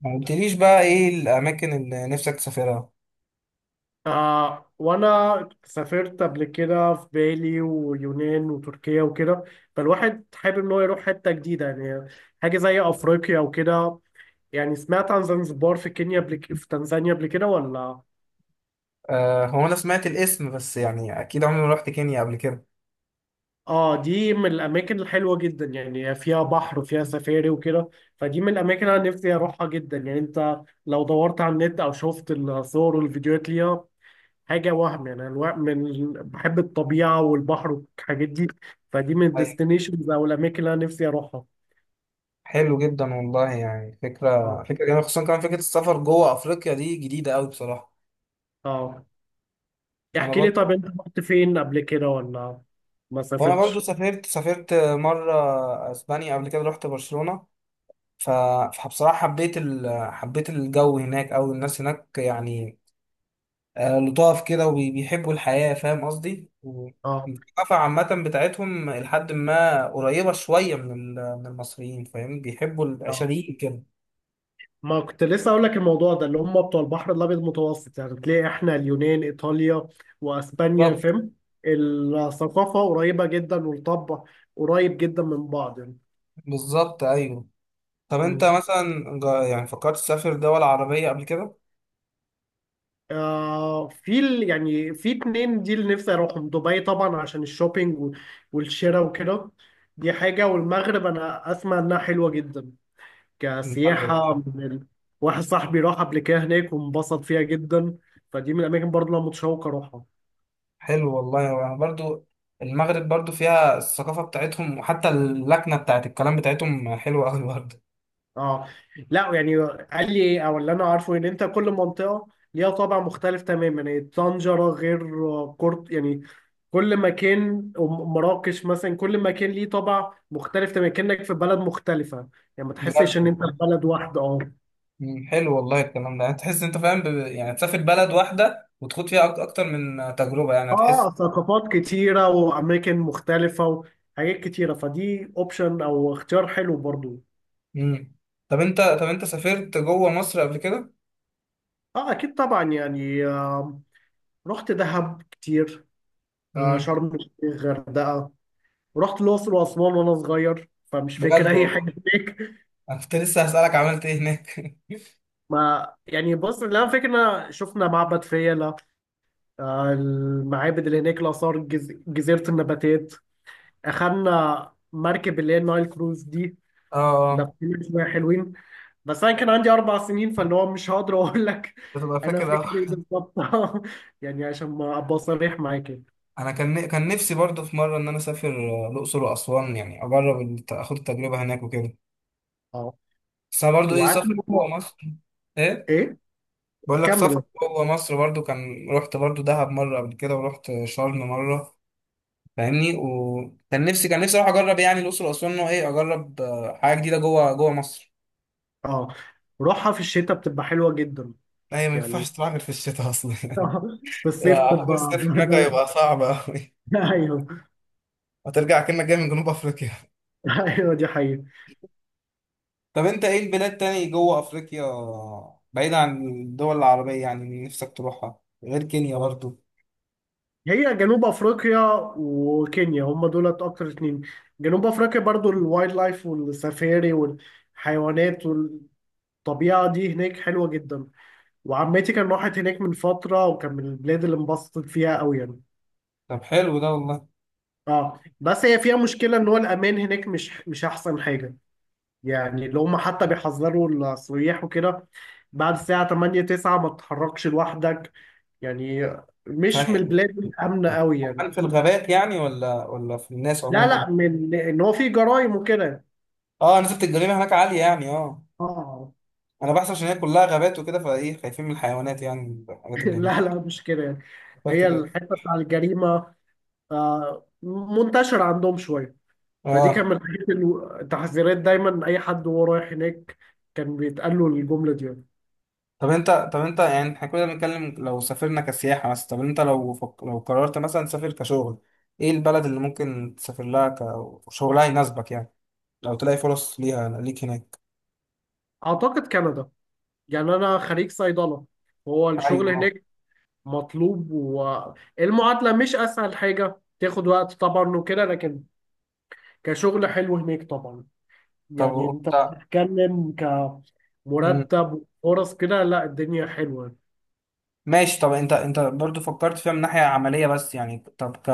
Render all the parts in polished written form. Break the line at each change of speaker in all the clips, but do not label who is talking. ما قلتليش بقى ايه الاماكن اللي نفسك تسافرها؟
آه، وانا سافرت قبل كده في بالي ويونان وتركيا وكده. فالواحد حابب ان هو يروح حته جديده يعني. حاجه زي افريقيا وكده. يعني سمعت عن زنزبار في كينيا في تنزانيا قبل كده ولا.
آه، هو انا سمعت الاسم بس يعني اكيد عمري ما رحت كينيا قبل كده.
اه، دي من الاماكن الحلوه جدا، يعني فيها بحر وفيها سفاري وكده. فدي من الاماكن انا نفسي اروحها جدا. يعني انت لو دورت على النت او شفت الصور والفيديوهات ليها، حاجه وهم. يعني انا من بحب الطبيعه والبحر والحاجات دي. فدي من
أي-
الديستنيشنز او الاماكن اللي انا نفسي اروحها.
حلو جدا والله، يعني فكره
اه.
فكره جميله، خصوصا كمان فكره السفر جوه افريقيا دي جديده قوي بصراحه.
اه.
انا
احكي لي، طب
برضو.
انت رحت فين قبل كده ولا ما
وانا برضو
سافرتش؟
سافرت مره اسبانيا، قبل كده رحت برشلونه. ف- فبصراحه حبيت حبيت الجو هناك او الناس هناك، يعني لطاف كده، وبيحبوا الحياة. فاهم قصدي؟
اه.
الثقافة عامة بتاعتهم لحد ما قريبة شوية من من المصريين. فاهم؟ بيحبوا
اه.
العشريين كده.
ما كنت لسه اقول لك الموضوع ده، اللي هم بتوع البحر الابيض المتوسط. يعني تلاقي احنا اليونان، ايطاليا، واسبانيا،
بالظبط،
فاهم؟ الثقافه قريبه جدا، والطب قريب جدا من بعض
بالظبط، أيوه. طب أنت
يعني.
مثلا يعني فكرت تسافر دول عربية قبل كده؟
آه، يعني في اتنين دي اللي نفسي اروحهم. دبي طبعا عشان الشوبينج والشراء وكده، دي حاجة. والمغرب انا اسمع انها حلوة جدا،
المغرب،
كسياحة
أيوه.
من ال... واحد صاحبي راح قبل كده هناك وانبسط فيها جدا. فدي من الاماكن برضه اللي انا متشوق اروحها.
حلو والله، يعني برضو المغرب برضو فيها الثقافة بتاعتهم، وحتى اللكنة بتاعت الكلام بتاعتهم حلوة أوي برضو.
اه. لا، يعني قال لي إيه، او اللي انا عارفه ان انت كل منطقه ليها طابع مختلف تماما. يعني طنجره غير كورت يعني. كل مكان مراكش مثلا، كل مكان ليه طابع مختلف تماما، كانك في بلد مختلفه يعني. ما
بجد
تحسش ان انت
والله.
في بلد واحده. اه.
حلو والله الكلام ده، يعني تحس انت فاهم يعني تسافر بلد واحده وتخوض فيها اكتر من تجربه، يعني
اه،
هتحس.
ثقافات كتيره واماكن مختلفه وحاجات كتيره، فدي اوبشن او اختيار حلو برضو.
امم. طب انت سافرت جوه مصر قبل كده؟
اه اكيد طبعا يعني. آه، رحت دهب كتير. آه،
امم.
شرم الشيخ، غردقه. ورحت الأقصر وأسوان وأنا صغير، فمش فاكر
بجد
أي
والله.
حاجة هناك.
انا كنت لسه هسألك عملت ايه هناك
ما يعني بص، اللي أنا فاكر إن أنا شفنا معبد فيلة، آه، المعابد اللي هناك، الآثار، جزيرة النباتات. أخدنا مركب اللي هي النايل كروز دي،
اه. آه.
لفينا شوية حلوين. بس أنا كان عندي 4 سنين، فاللي هو مش هقدر أقول لك
بتبقى
أنا
فاكر أوي.
فاكر إيه بالظبط يعني عشان ما أبقى صريح معاك يعني.
انا كان نفسي برضو في مره ان انا اسافر، الاقصر واسوان، يعني اجرب اخد التجربه هناك وكده.
أه،
بس انا برضو
وعارف إن
سفر
هو-
جوه مصر. ايه.
إيه.
بقول لك سفر
كمل.
جوه مصر، برضو كان رحت برضو دهب مره قبل كده ورحت شرم مره، فاهمني. وكان نفسي اروح اجرب يعني الاقصر واسوان، ان هو اجرب حاجه جديده جوه مصر.
أه، روحها في الشتاء بتبقى حلوة جدا
ايوه، ما
يعني.
ينفعش تروح غير في الشتاء اصلا يعني
في الصيف
أعتقد
تبقى
الصيف هناك
بهدلة.
هيبقى صعب أوي.
ايوه.
هترجع كأنك جاي من جنوب أفريقيا.
ايوه دي حقيقة.
طب انت ايه البلاد تاني جوه افريقيا، بعيد عن الدول العربية، يعني اللي نفسك تروحها غير كينيا برضو؟
هي جنوب افريقيا وكينيا هم دولت اكتر اتنين. جنوب افريقيا برضو، الوايلد لايف والسفاري والحيوانات والطبيعة دي هناك حلوة جدا. وعمتي كان راحت هناك من فترة، وكان من البلاد اللي انبسطت فيها قوي يعني.
طب حلو ده والله.
اه، بس هي فيها مشكلة ان هو الامان هناك مش احسن حاجة. يعني اللي هم حتى بيحذروا السياح وكده، بعد الساعة 8 9 ما تتحركش لوحدك يعني. مش من
ثانية.
البلاد الامنه قوي يعني.
هل في الغابات يعني، ولا في الناس
لا
عموما؟
لا، من ان هو في جرائم وكده.
اه، نسبة الجريمة هناك عالية يعني؟ اه.
اه
انا بحث عشان هي كلها غابات وكده، فايه خايفين من الحيوانات يعني، الحاجات اللي هناك.
لا لا مش كده يعني.
بس
هي
كده.
الحته بتاع الجريمه، آه، منتشره عندهم شويه. فدي كان
اه.
من الحاجات التحذيرات، دايما اي حد وهو رايح هناك كان بيتقال له الجمله دي يعني.
طب انت يعني احنا كنا بنتكلم لو سافرنا كسياحة مثلا. طب انت لو لو قررت مثلا تسافر كشغل، ايه البلد اللي ممكن تسافر لها كشغلها يناسبك يعني، لو تلاقي فرص ليها ليك هناك؟
اعتقد كندا. يعني انا خريج صيدله. هو الشغل
ايوه.
هناك مطلوب، والمعادله مش اسهل حاجه، تاخد وقت طبعا وكده، لكن كشغل حلو هناك طبعا.
طب
يعني انت
وانت؟
بتتكلم
مم.
كمرتب وفرص كده، لا الدنيا حلوة.
ماشي. طب انت برضو فكرت فيها من ناحية عملية بس، يعني طب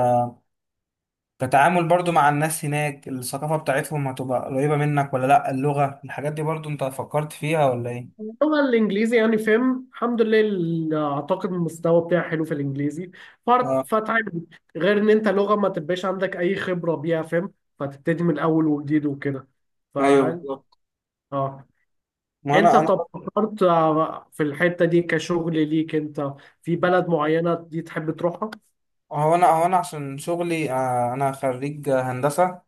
كتعامل برضو مع الناس هناك، الثقافة بتاعتهم هتبقى قريبة منك ولا لأ؟ اللغة الحاجات دي برضو انت فكرت فيها ولا ايه؟
اللغة الإنجليزي يعني فاهم الحمد لله، أعتقد المستوى بتاعي حلو في الإنجليزي فرد
اه.
فتعب. غير إن أنت لغة ما تبقاش عندك أي خبرة بيها، فاهم؟ فتبتدي من الأول وجديد وكده. ف،
ايوه بالظبط.
اه،
ما
أنت
انا
طب فكرت آه، في الحتة دي كشغل ليك أنت، في بلد معينة دي تحب تروحها؟
هو انا عشان شغلي، انا خريج هندسة،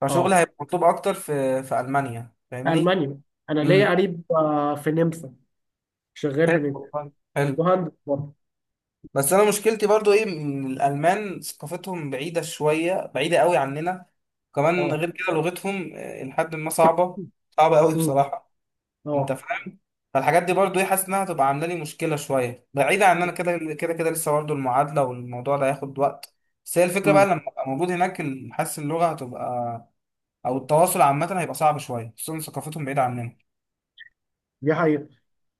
فشغلي
اه،
هيبقى مطلوب اكتر في ألمانيا، فاهمني؟
ألمانيا. أنا ليا
امم.
قريب آه، في نمسا، شغال
حلو
هناك،
والله، حلو.
مهندس برضه.
بس انا مشكلتي برضو ان الألمان ثقافتهم بعيدة شوية، بعيدة قوي عننا. كمان
اه.
غير كده لغتهم، لحد ما صعبة، صعبة قوي
امم.
بصراحة. انت
اه.
فاهم؟ فالحاجات دي برضو حاسس انها هتبقى عامله لي مشكله شويه، بعيدا عن ان انا كده كده كده لسه برضو المعادله والموضوع ده هياخد وقت. بس هي الفكره بقى
امم.
لما ابقى موجود هناك، حاسس اللغه هتبقى او التواصل عامه هيبقى صعب شويه، خصوصا ثقافتهم بعيده عننا.
دي حقيقة.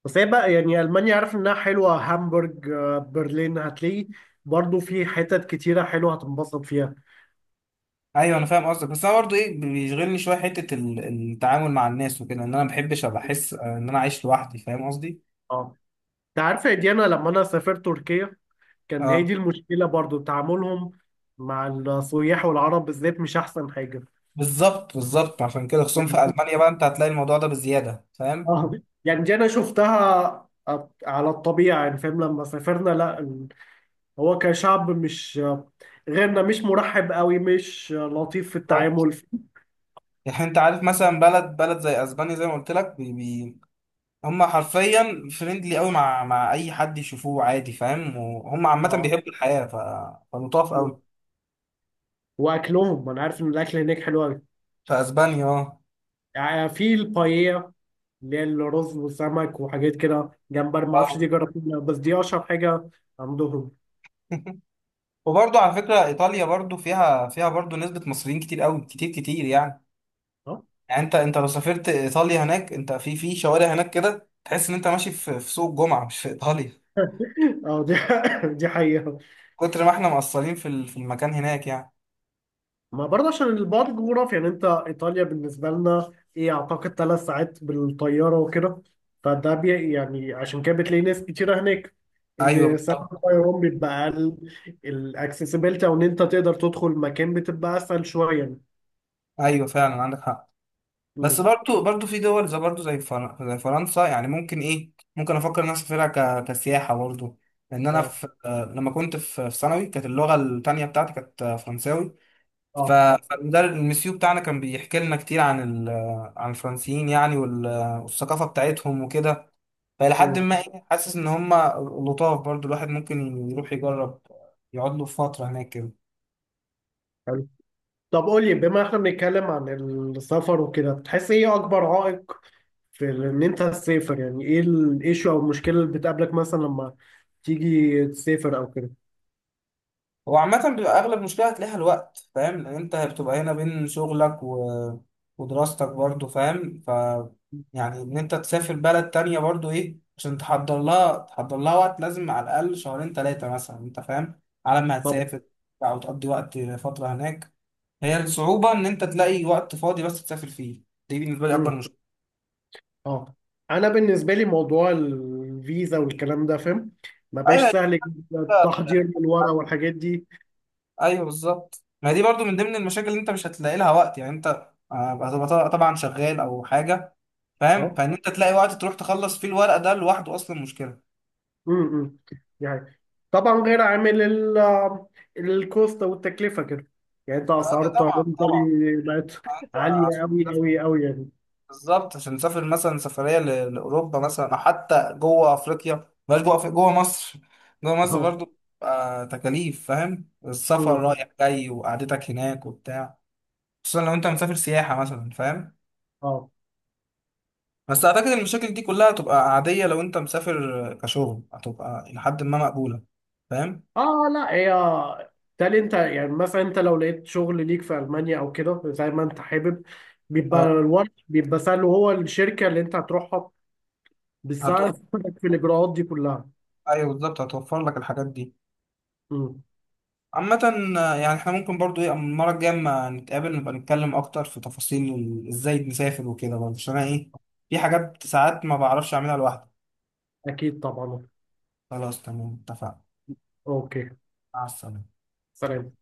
بس هي بقى يعني ألمانيا عارف إنها حلوة. هامبورج، آه، برلين، هتلاقي برضو في حتت كتيرة حلوة هتنبسط فيها.
ايوه انا فاهم قصدك، بس انا برضو بيشغلني شويه حته التعامل مع الناس وكده، ان انا ما بحبش ابقى احس ان انا عايش لوحدي. فاهم قصدي؟
اه، أنت عارفة يا ديانا لما أنا سافرت تركيا كان هي دي
اه.
المشكلة برضو، تعاملهم مع السياح والعرب بالذات مش أحسن حاجة.
بالظبط، بالظبط، عشان كده خصوصا
يعني.
في المانيا بقى انت هتلاقي الموضوع ده بزياده، فاهم؟
اه، يعني دي أنا شفتها على الطبيعة يعني، فاهم لما سافرنا. لا ال- هو كشعب مش غيرنا، مش مرحب قوي، مش لطيف في التعامل.
يعني انت عارف مثلا بلد زي اسبانيا، زي ما قلت لك بي بي هم حرفيا فريندلي قوي، مع اي حد يشوفوه عادي، فاهم؟ وهم عامه
اه.
بيحبوا الحياه فلطاف
مم.
قوي.
واكلهم، ما انا عارف ان الاكل هناك حلو قوي.
في اسبانيا، اه.
يعني في البايية اللي هي الرز وسمك وحاجات كده، جمبري ما اعرفش دي
اه.
جربتها، بس دي اشهر حاجه عندهم.
وبرضه على فكره ايطاليا برضه فيها برضه نسبه مصريين كتير قوي، كتير كتير يعني.
اه.
يعني انت لو سافرت ايطاليا هناك، انت في شوارع هناك كده تحس ان انت ماشي في في سوق الجمعه، مش في ايطاليا.
آه، دي دي حقيقه.
كتر ما احنا مقصرين في المكان هناك، يعني.
ما برضه عشان البعد الجغرافي يعني. انت ايطاليا بالنسبه لنا ايه، اعتقد 3 ساعات بالطياره وكده. فده بي يعني، عشان كده بتلاقي ناس كتيره هناك،
ايوه
ان سعر
بالظبط.
الطيران بيبقى اقل. الاكسسبيلتي، او ان انت تقدر تدخل مكان، بتبقى اسهل شويه يعني.
ايوه فعلا عندك حق. بس
مم.
برضو في دول زي برضو زي فرنسا، يعني ممكن افكر ان انا اسافرها كسياحه برضو. لان انا
اه.
في آه، لما كنت في ثانوي كانت اللغه التانيه بتاعتي كانت فرنساوي.
اه.
اه، فالمدرب المسيو بتاعنا كان بيحكي لنا كتير عن الفرنسيين، يعني والثقافه بتاعتهم وكده. فالى حد
مم.
ما حاسس ان هم لطاف برضو، الواحد ممكن يروح يجرب، يقعد له فتره هناك كده.
حلو. طب قول لي، بما احنا بنتكلم عن السفر وكده، بتحس ايه اكبر عائق في ان انت تسافر؟ يعني ايه الايشو او المشكله اللي بتقابلك مثلا لما تيجي تسافر او كده؟
هو عامة بيبقى أغلب مشكلة هتلاقيها الوقت، فاهم؟ لأن أنت بتبقى هنا بين شغلك ودراستك برضو، فاهم. يعني إن أنت تسافر بلد تانية برضو عشان تحضر لها وقت لازم على الأقل شهرين تلاتة مثلا، أنت فاهم، على ما
طبعا.
هتسافر أو تقضي وقت فترة هناك. هي الصعوبة إن أنت تلاقي وقت فاضي بس تسافر فيه. دي بالنسبة لي
امم.
أكبر مشكلة.
اه، انا بالنسبه لي موضوع الفيزا والكلام ده فاهم، ما بقاش
أيوه هي
سهل جدا،
كده.
التحضير من الورق والحاجات دي.
أيوه بالظبط، ما هي دي برضو من ضمن المشاكل اللي أنت مش هتلاقي لها وقت، يعني أنت هتبقى طبعا شغال أو حاجة، فاهم؟
اه.
فان انت تلاقي وقت تروح تخلص فيه الورق ده لوحده اصلا مشكله.
امم. يعني طبعا غير عامل الكوست والتكلفه كده. يعني انت
لا
اسعار
ده
الطيران
طبعا، طبعا.
بالي بقت
انت
عاليه
عشان
قوي
تسافر-
قوي قوي يعني.
بالظبط، عشان تسافر مثلا سفريه لاوروبا مثلا، او حتى جوه افريقيا، بلاش جوه أفريقيا، جوه مصر، جوه مصر
اه.
برضو تكاليف، فاهم؟ السفر
أمم.
رايح جاي وقعدتك هناك وبتاع، خصوصا لو انت مسافر سياحه مثلا، فاهم؟
اه.
بس اعتقد المشاكل دي كلها هتبقى عاديه لو انت مسافر كشغل، هتبقى لحد ما مقبوله، فاهم.
اه لا، هي تالي انت يعني، مثلا انت لو لقيت شغل ليك في المانيا او كده زي ما انت حابب، بيبقى
اه،
الورق بيبقى سهل. وهو الشركه اللي انت هتروحها
هتوفر.
بتساعدك في الاجراءات دي كلها.
ايوه بالظبط، هتوفر لك الحاجات دي،
امم.
عامة. يعني احنا ممكن برضو المرة الجاية اما نتقابل نبقى نتكلم أكتر في تفاصيل ازاي نسافر وكده برضه، عشان أنا في حاجات ساعات ما بعرفش أعملها لوحدي.
اكيد طبعا.
خلاص، تمام، اتفقنا.
اوكي.
مع السلامة.
سلام.